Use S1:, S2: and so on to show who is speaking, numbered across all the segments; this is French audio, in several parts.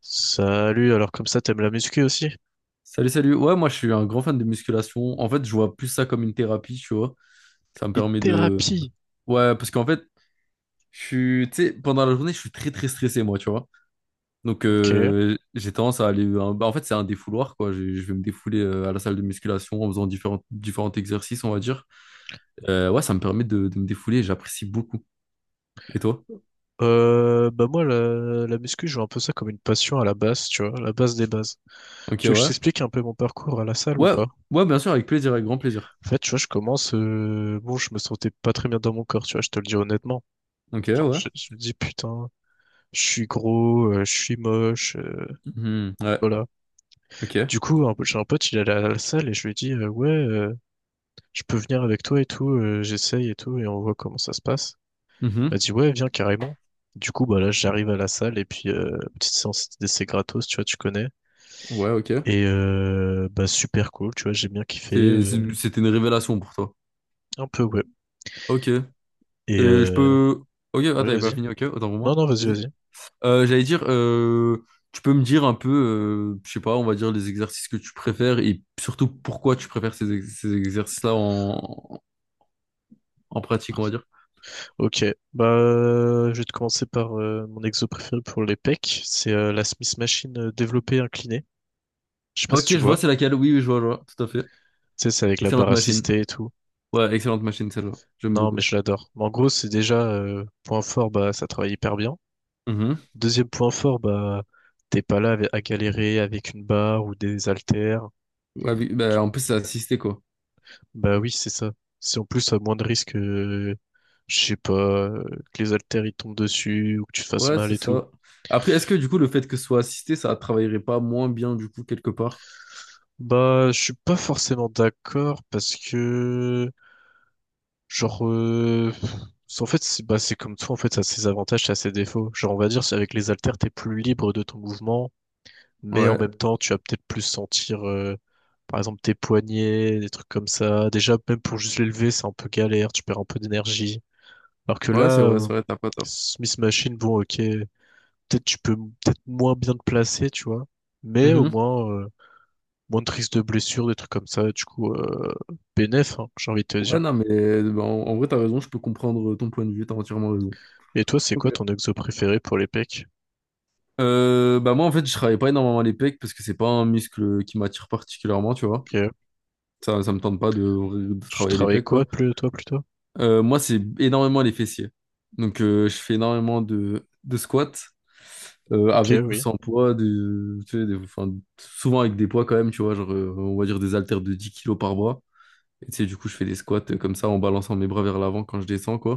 S1: Salut, alors comme ça, t'aimes la muscu aussi?
S2: Salut, salut. Ouais, moi, je suis un grand fan de musculation. En fait, je vois plus ça comme une thérapie, tu vois. Ça me
S1: Une
S2: permet de.
S1: thérapie,
S2: Ouais, parce qu'en fait, je suis. Tu sais, pendant la journée, je suis très, très stressé, moi, tu vois. Donc,
S1: ok.
S2: j'ai tendance à aller. Bah, en fait, c'est un défouloir, quoi. Je vais me défouler à la salle de musculation en faisant différents, différents exercices, on va dire. Ouais, ça me permet de me défouler. J'apprécie beaucoup. Et toi?
S1: Bah moi, la muscu, je vois un peu ça comme une passion à la base, tu vois, la base des bases.
S2: Ok,
S1: Tu veux que je
S2: ouais.
S1: t'explique un peu mon parcours à la salle ou
S2: Ouais,
S1: pas?
S2: ouais, bien sûr, avec plaisir, avec grand plaisir.
S1: En fait, tu vois, je commence, bon, je me sentais pas très bien dans mon corps, tu vois, je te le dis honnêtement.
S2: Ok,
S1: Genre,
S2: ouais.
S1: je me dis, putain, je suis gros, je suis moche,
S2: Mhm, ouais,
S1: voilà.
S2: ok.
S1: Du coup, j'ai un pote, il est à la salle et je lui ai dit, ouais, je peux venir avec toi et tout, j'essaye et tout, et on voit comment ça se passe.
S2: Mhm,
S1: Elle dit ouais, viens carrément. Du coup, bah là, j'arrive à la salle et puis petite séance d'essai gratos, tu vois, tu connais.
S2: ouais, ok.
S1: Et bah super cool, tu vois, j'ai bien kiffé. euh,
S2: C'était une révélation pour toi.
S1: un peu, ouais.
S2: Ok. Et
S1: Et
S2: je peux. Ok, ah,
S1: ouais,
S2: t'avais pas
S1: vas-y.
S2: fini, ok, autant pour
S1: Non,
S2: moi.
S1: non, vas-y,
S2: Vas-y.
S1: vas-y.
S2: J'allais dire, tu peux me dire un peu, je sais pas, on va dire les exercices que tu préfères et surtout pourquoi tu préfères ces, ces exercices-là en pratique, on va dire.
S1: Ok, bah je vais te commencer par mon exo préféré pour les pecs. C'est la Smith Machine développée inclinée. Je sais pas si
S2: Ok, je
S1: tu
S2: vois,
S1: vois.
S2: c'est laquelle. Oui, oui, je vois, tout à fait.
S1: Tu sais, c'est avec la barre
S2: Excellente machine.
S1: assistée et tout.
S2: Ouais, excellente machine, celle-là. J'aime
S1: Non, mais
S2: beaucoup.
S1: je l'adore. Mais en gros, c'est déjà point fort, bah ça travaille hyper bien.
S2: Mhm.
S1: Deuxième point fort, bah, t'es pas là à galérer avec une barre ou des haltères.
S2: Ouais, oui, bah, en plus, c'est assisté, quoi.
S1: Bah oui, c'est ça. Si en plus, à moins de risque, je sais pas, que les haltères ils tombent dessus ou que tu fasses
S2: Ouais,
S1: mal
S2: c'est
S1: et tout.
S2: ça. Après, est-ce que du coup, le fait que ce soit assisté, ça travaillerait pas moins bien, du coup, quelque part?
S1: Bah, je suis pas forcément d'accord parce que, genre, en fait, c'est bah, c'est comme tout, en fait, ça a ses avantages, ça a ses défauts. Genre, on va dire, c'est avec les haltères, t'es plus libre de ton mouvement. Mais en
S2: Ouais.
S1: même temps, tu vas peut-être plus sentir, par exemple, tes poignets, des trucs comme ça. Déjà, même pour juste l'élever, c'est un peu galère, tu perds un peu d'énergie. Alors que
S2: Ouais,
S1: là,
S2: c'est vrai, t'as pas tort.
S1: Smith Machine, bon, ok, peut-être tu peux peut-être moins bien te placer, tu vois, mais au
S2: Mhm.
S1: moins, moins de risques de blessures, des trucs comme ça, du coup, bénef, hein, j'ai envie de te
S2: Ouais,
S1: dire.
S2: non, mais bah, en vrai, t'as raison, je peux comprendre ton point de vue, t'as entièrement raison.
S1: Et toi, c'est
S2: Ok.
S1: quoi ton exo préféré pour les pecs?
S2: Bah moi, en fait, je travaille pas énormément les pecs parce que c'est pas un muscle qui m'attire particulièrement, tu vois.
S1: Ok.
S2: Ça me tente pas de
S1: Tu
S2: travailler les
S1: travailles
S2: pecs,
S1: quoi,
S2: quoi.
S1: plus, toi, plutôt?
S2: Moi, c'est énormément les fessiers. Donc, je fais énormément de squats
S1: Ok,
S2: avec ou
S1: oui.
S2: sans poids, de, tu sais, enfin, souvent avec des poids quand même, tu vois, genre, on va dire des haltères de 10 kilos par bras. Et tu sais, du coup, je fais des squats comme ça en balançant mes bras vers l'avant quand je descends, quoi.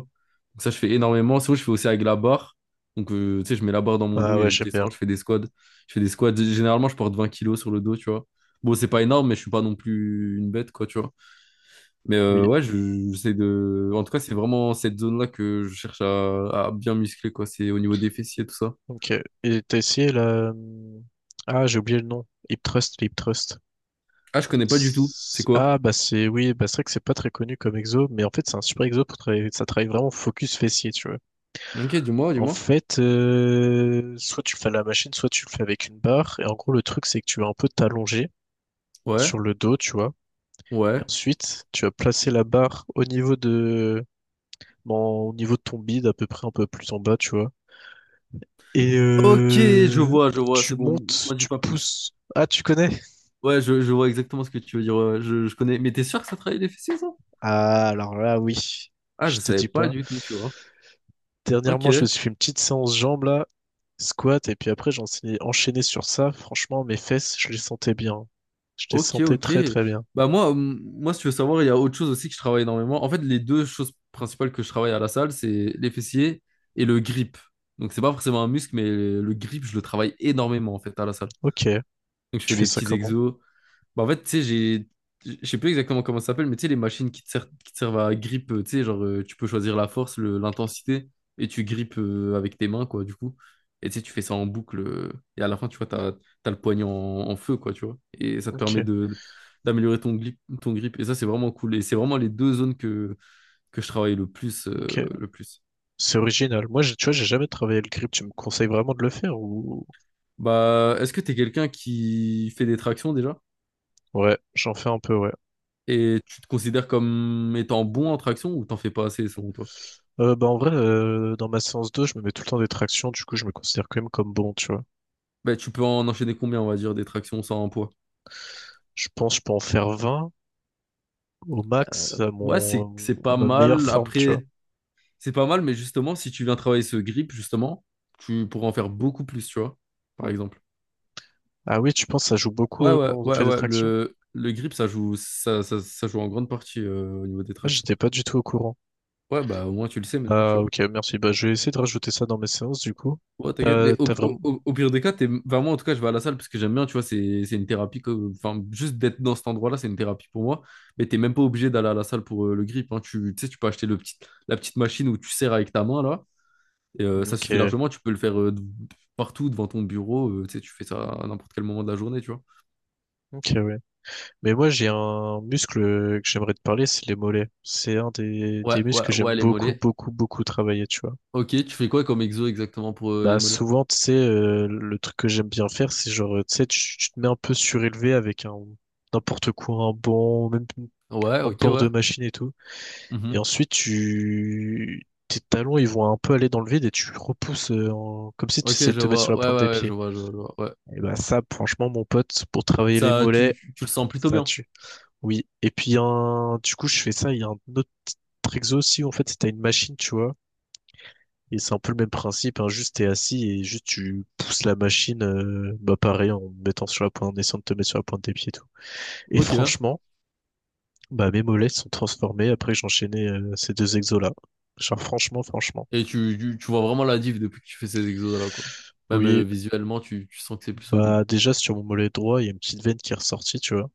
S2: Donc ça, je fais énormément. Sinon, je fais aussi avec la barre. Donc, tu sais, je mets la barre dans mon dos
S1: Ah
S2: et
S1: ouais,
S2: je
S1: j'aime bien.
S2: descends, je fais des squats. Je fais des squats. Généralement, je porte 20 kilos sur le dos, tu vois. Bon, c'est pas énorme, mais je suis pas non plus une bête, quoi, tu vois. Mais
S1: Oui.
S2: ouais, j'essaie de. En tout cas, c'est vraiment cette zone-là que je cherche à bien muscler, quoi. C'est au niveau des fessiers, tout ça.
S1: Ok. Et t'as essayé la... Ah, j'ai oublié le nom. HipTrust, HipTrust.
S2: Ah, je connais pas du tout. C'est quoi?
S1: Ah, bah c'est... Oui, bah c'est vrai que c'est pas très connu comme exo, mais en fait, c'est un super exo pour travailler... Ça travaille vraiment focus fessier, tu vois.
S2: Ok, dis-moi,
S1: En
S2: dis-moi.
S1: fait, soit tu le fais à la machine, soit tu le fais avec une barre. Et en gros, le truc, c'est que tu vas un peu t'allonger
S2: Ouais,
S1: sur le dos, tu vois. Et
S2: ouais.
S1: ensuite, tu vas placer la barre au niveau de... Bon, au niveau de ton bide, à peu près un peu plus en bas, tu vois. Et
S2: Ok, je vois,
S1: tu
S2: c'est bon,
S1: montes,
S2: m'en dis
S1: tu
S2: pas plus.
S1: pousses. Ah, tu connais?
S2: Ouais, je vois exactement ce que tu veux dire. Ouais, je connais. Mais t'es sûr que ça travaille les fessiers, ça?
S1: Ah, alors là, oui,
S2: Ah,
S1: je
S2: je
S1: te
S2: savais
S1: dis
S2: pas
S1: pas.
S2: du tout, tu vois.
S1: Dernièrement, je
S2: Ok,
S1: me suis fait une petite séance jambes là, squat, et puis après, j'en suis enchaîné sur ça. Franchement, mes fesses, je les sentais bien. Je les
S2: ok,
S1: sentais
S2: ok.
S1: très très bien.
S2: Bah moi, si tu veux savoir, il y a autre chose aussi que je travaille énormément. En fait, les deux choses principales que je travaille à la salle, c'est les fessiers et le grip. Donc c'est pas forcément un muscle, mais le grip, je le travaille énormément en fait à la salle.
S1: Ok,
S2: Donc je
S1: tu
S2: fais
S1: fais
S2: des
S1: ça
S2: petits
S1: comment?
S2: exos. Bah, en fait, tu sais, j'ai. Je sais plus exactement comment ça s'appelle, mais tu sais, les machines qui te servent à grip, tu sais, genre, tu peux choisir la force, l'intensité, et tu grippes avec tes mains, quoi, du coup. Et tu sais, tu fais ça en boucle, et à la fin, tu vois, t'as le poignet en feu, quoi, tu vois. Et ça te
S1: Ok,
S2: permet d'améliorer ton grip, ton grip. Et ça, c'est vraiment cool. Et c'est vraiment les deux zones que je travaille le plus,
S1: ok.
S2: le plus.
S1: C'est original. Moi, tu vois, j'ai jamais travaillé le grip. Tu me conseilles vraiment de le faire ou...
S2: Bah, est-ce que t'es quelqu'un qui fait des tractions déjà?
S1: Ouais, j'en fais un peu, ouais.
S2: Et tu te considères comme étant bon en traction ou t'en fais pas assez selon toi?
S1: Bah en vrai, dans ma séance 2, je me mets tout le temps des tractions, du coup je me considère quand même comme bon, tu vois.
S2: Ben tu peux en enchaîner combien, on va dire, des tractions sans un poids?
S1: Je pense que je peux en faire 20 au max à
S2: Ouais, c'est
S1: mon
S2: c'est
S1: à
S2: pas
S1: ma meilleure
S2: mal.
S1: forme, tu vois.
S2: Après, c'est pas mal, mais justement, si tu viens travailler ce grip, justement, tu pourras en faire beaucoup plus, tu vois, par exemple.
S1: Ah oui, tu penses que ça joue beaucoup
S2: Ouais,
S1: quand
S2: ouais,
S1: on
S2: ouais,
S1: fait des
S2: ouais.
S1: tractions?
S2: Le grip, ça joue en grande partie au niveau des
S1: Ah,
S2: tractions.
S1: j'étais pas du tout au courant.
S2: Ouais, bah au moins tu le sais maintenant, tu
S1: Bah
S2: vois.
S1: ok, merci. Bah je vais essayer de rajouter ça dans mes séances du coup.
S2: Ouais, t'inquiète,
S1: T'as
S2: mais
S1: t'as vraiment.
S2: au pire des cas, t'es. Enfin, moi, en tout cas, je vais à la salle parce que j'aime bien, tu vois, c'est une thérapie. Enfin, juste d'être dans cet endroit-là, c'est une thérapie pour moi. Mais t'es même pas obligé d'aller à la salle pour le grip, hein. Tu sais, tu peux acheter le petit. La petite machine où tu serres avec ta main, là. Et, ça
S1: Ok,
S2: suffit largement. Tu peux le faire partout, devant ton bureau. Tu sais, tu fais ça à n'importe quel moment de la journée, tu vois.
S1: ok, ouais. Mais moi, j'ai un muscle que j'aimerais te parler, c'est les mollets. C'est un des,
S2: Ouais,
S1: des muscles
S2: ouais,
S1: que j'aime
S2: ouais, les
S1: beaucoup,
S2: mollets.
S1: beaucoup, beaucoup travailler, tu vois.
S2: Ok, tu fais quoi comme exo exactement pour les
S1: Bah
S2: mollets?
S1: souvent, tu sais, le truc que j'aime bien faire, c'est genre, tu sais, tu te mets un peu surélevé avec un n'importe quoi, un banc, même
S2: Ouais,
S1: en
S2: ok,
S1: bord
S2: ouais.
S1: de machine et tout. Et
S2: Mhm.
S1: ensuite, tu tes talons, ils vont un peu aller dans le vide et tu repousses comme si tu
S2: Ok,
S1: essayais de
S2: je
S1: te mettre sur
S2: vois.
S1: la
S2: Ouais,
S1: pointe des
S2: ouais, ouais, je
S1: pieds.
S2: vois, je vois, je vois. Ouais.
S1: Et bah ça, franchement, mon pote, pour travailler les
S2: Ça, tu,
S1: mollets,
S2: tu le sens plutôt
S1: ça
S2: bien.
S1: tue. Oui. Et puis du coup, je fais ça. Il y a un autre exo aussi. En fait, c'est t'as une machine, tu vois. Et c'est un peu le même principe, hein, juste t'es assis et juste tu pousses la machine, bah pareil, en mettant sur la pointe, en essayant de te mettre sur la pointe des pieds et tout. Et
S2: Ok.
S1: franchement, bah mes mollets se sont transformés après que j'enchaînais ces deux exos-là. Genre franchement, franchement.
S2: Et tu vois vraiment la diff depuis que tu fais ces exos-là, quoi. Même
S1: Oui,
S2: visuellement, tu sens que c'est plus solide.
S1: bah déjà sur mon mollet droit, il y a une petite veine qui est ressortie, tu vois.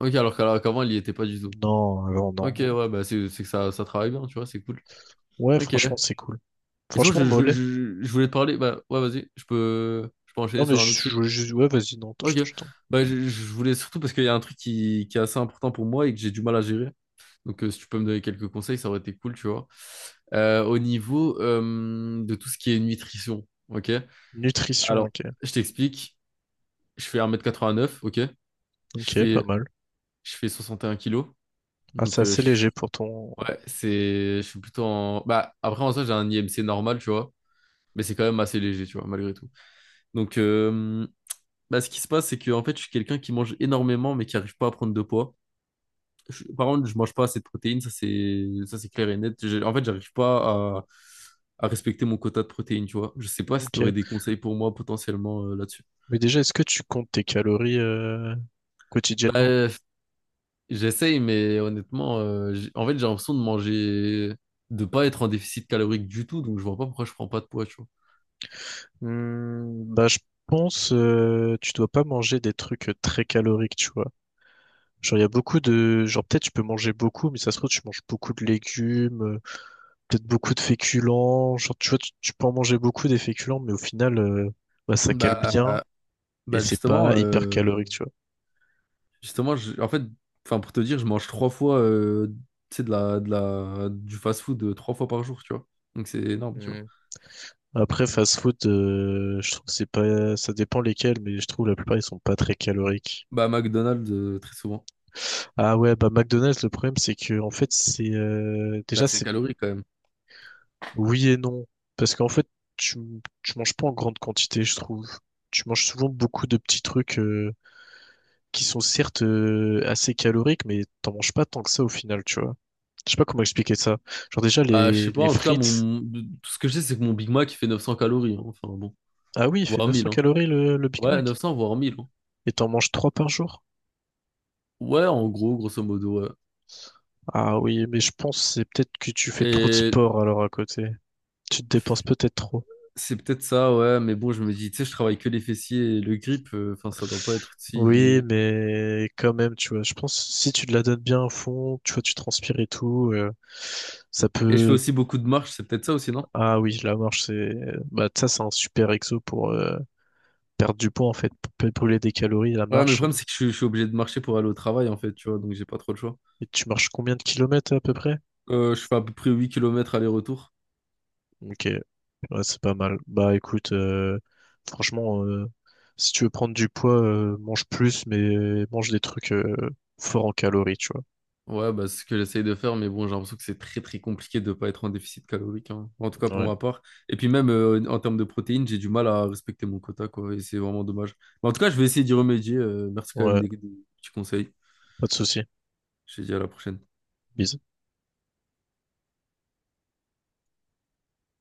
S2: Ok, alors qu'avant, il y était pas du tout.
S1: Non, non, non.
S2: Ok, ouais, bah c'est que ça travaille bien, tu vois, c'est cool.
S1: Ouais,
S2: Ok.
S1: franchement, c'est cool.
S2: Et sinon,
S1: Franchement,
S2: je, je,
S1: mollet.
S2: je, je voulais te parler. Bah, ouais, vas-y, je peux
S1: Non,
S2: enchaîner
S1: mais
S2: sur un autre sujet.
S1: ouais, vas-y, non, je,
S2: Ok.
S1: je t'en.
S2: Bah, je voulais surtout parce qu'il y a un truc qui est assez important pour moi et que j'ai du mal à gérer. Donc, si tu peux me donner quelques conseils, ça aurait été cool, tu vois. Au niveau de tout ce qui est nutrition, ok?
S1: Nutrition,
S2: Alors,
S1: ok.
S2: je t'explique. Je fais 1,89 m, ok. Je
S1: Ok, pas
S2: fais,
S1: mal.
S2: je fais 61 kilos.
S1: Ah, c'est
S2: Donc,
S1: assez léger pour ton...
S2: ouais, c'est, je suis plutôt en. Bah, après, en soi, j'ai un IMC normal, tu vois. Mais c'est quand même assez léger, tu vois, malgré tout. Donc, bah, ce qui se passe, c'est que, en fait, je suis quelqu'un qui mange énormément, mais qui arrive pas à prendre de poids. Par contre, je mange pas assez de protéines, ça, c'est clair et net. En fait, j'arrive pas à respecter mon quota de protéines, tu vois. Je sais pas si tu aurais
S1: Ok.
S2: des conseils pour moi potentiellement là-dessus.
S1: Mais déjà, est-ce que tu comptes tes calories quotidiennement?
S2: Bah, j'essaye, mais honnêtement, en fait, j'ai l'impression de manger, de pas être en déficit calorique du tout, donc je vois pas pourquoi je prends pas de poids, tu vois.
S1: Bah, je pense tu dois pas manger des trucs très caloriques, tu vois. Genre, il y a beaucoup de... Genre, peut-être tu peux manger beaucoup, mais ça se trouve, tu manges beaucoup de légumes, peut-être beaucoup de féculents. Genre, tu vois, tu peux en manger beaucoup des féculents, mais au final, bah, ça cale
S2: Bah,
S1: bien et
S2: bah,
S1: c'est
S2: justement,
S1: pas hyper calorique, tu vois.
S2: justement, en fait, enfin pour te dire, je mange trois fois, tu sais, du fast-food trois fois par jour, tu vois. Donc c'est énorme, tu vois.
S1: Après, fast-food, je trouve que c'est pas... Ça dépend lesquels, mais je trouve la plupart, ils sont pas très caloriques.
S2: Bah McDonald's très souvent.
S1: Ah ouais, bah McDonald's, le problème c'est que en fait c'est
S2: Bah
S1: déjà
S2: c'est
S1: c'est
S2: calorique quand même.
S1: oui et non parce qu'en fait tu tu manges pas en grande quantité, je trouve. Tu manges souvent beaucoup de petits trucs qui sont certes assez caloriques, mais t'en manges pas tant que ça au final, tu vois. Je sais pas comment expliquer ça. Genre déjà
S2: Bah, je
S1: les
S2: sais pas,
S1: les
S2: en tout cas,
S1: frites,
S2: mon. Tout ce que je sais, c'est que mon Big Mac, il fait 900 calories, hein. Enfin, bon,
S1: ah oui, il fait
S2: voire 1000,
S1: 900
S2: hein.
S1: calories le Big
S2: Ouais,
S1: Mac
S2: 900, voire 1000, hein.
S1: et t'en manges 3 par jour.
S2: Ouais, en gros, grosso modo, ouais.
S1: Ah oui, mais je pense que c'est peut-être que tu fais trop de
S2: Et
S1: sport alors à côté. Tu te dépenses peut-être trop.
S2: c'est peut-être ça, ouais, mais bon, je me dis, tu sais, je travaille que les fessiers et le grip, enfin, ça doit pas être
S1: Oui,
S2: si.
S1: mais quand même, tu vois, je pense si tu te la donnes bien à fond, tu vois, tu transpires et tout, ça
S2: Et je fais
S1: peut.
S2: aussi beaucoup de marches, c'est peut-être ça aussi, non?
S1: Ah oui, la marche, c'est. Bah, ça, c'est un super exo pour perdre du poids, en fait, pour peut brûler des calories, la
S2: Ouais, mais le
S1: marche.
S2: problème, c'est que je suis obligé de marcher pour aller au travail, en fait, tu vois, donc j'ai pas trop le choix.
S1: Et tu marches combien de kilomètres à peu près?
S2: Je fais à peu près 8 kilomètres aller-retour.
S1: Ok, ouais, c'est pas mal. Bah, écoute, franchement, si tu veux prendre du poids, mange plus, mais mange des trucs forts en calories, tu vois.
S2: Ouais, bah, c'est ce que j'essaye de faire, mais bon, j'ai l'impression que c'est très très compliqué de ne pas être en déficit calorique, hein. En tout cas pour
S1: Ouais,
S2: ma part. Et puis même en termes de protéines, j'ai du mal à respecter mon quota, quoi, et c'est vraiment dommage. Mais en tout cas, je vais essayer d'y remédier. Merci quand même
S1: ouais,
S2: des petits conseils.
S1: pas de souci.
S2: Je te dis à la prochaine.
S1: Bisous.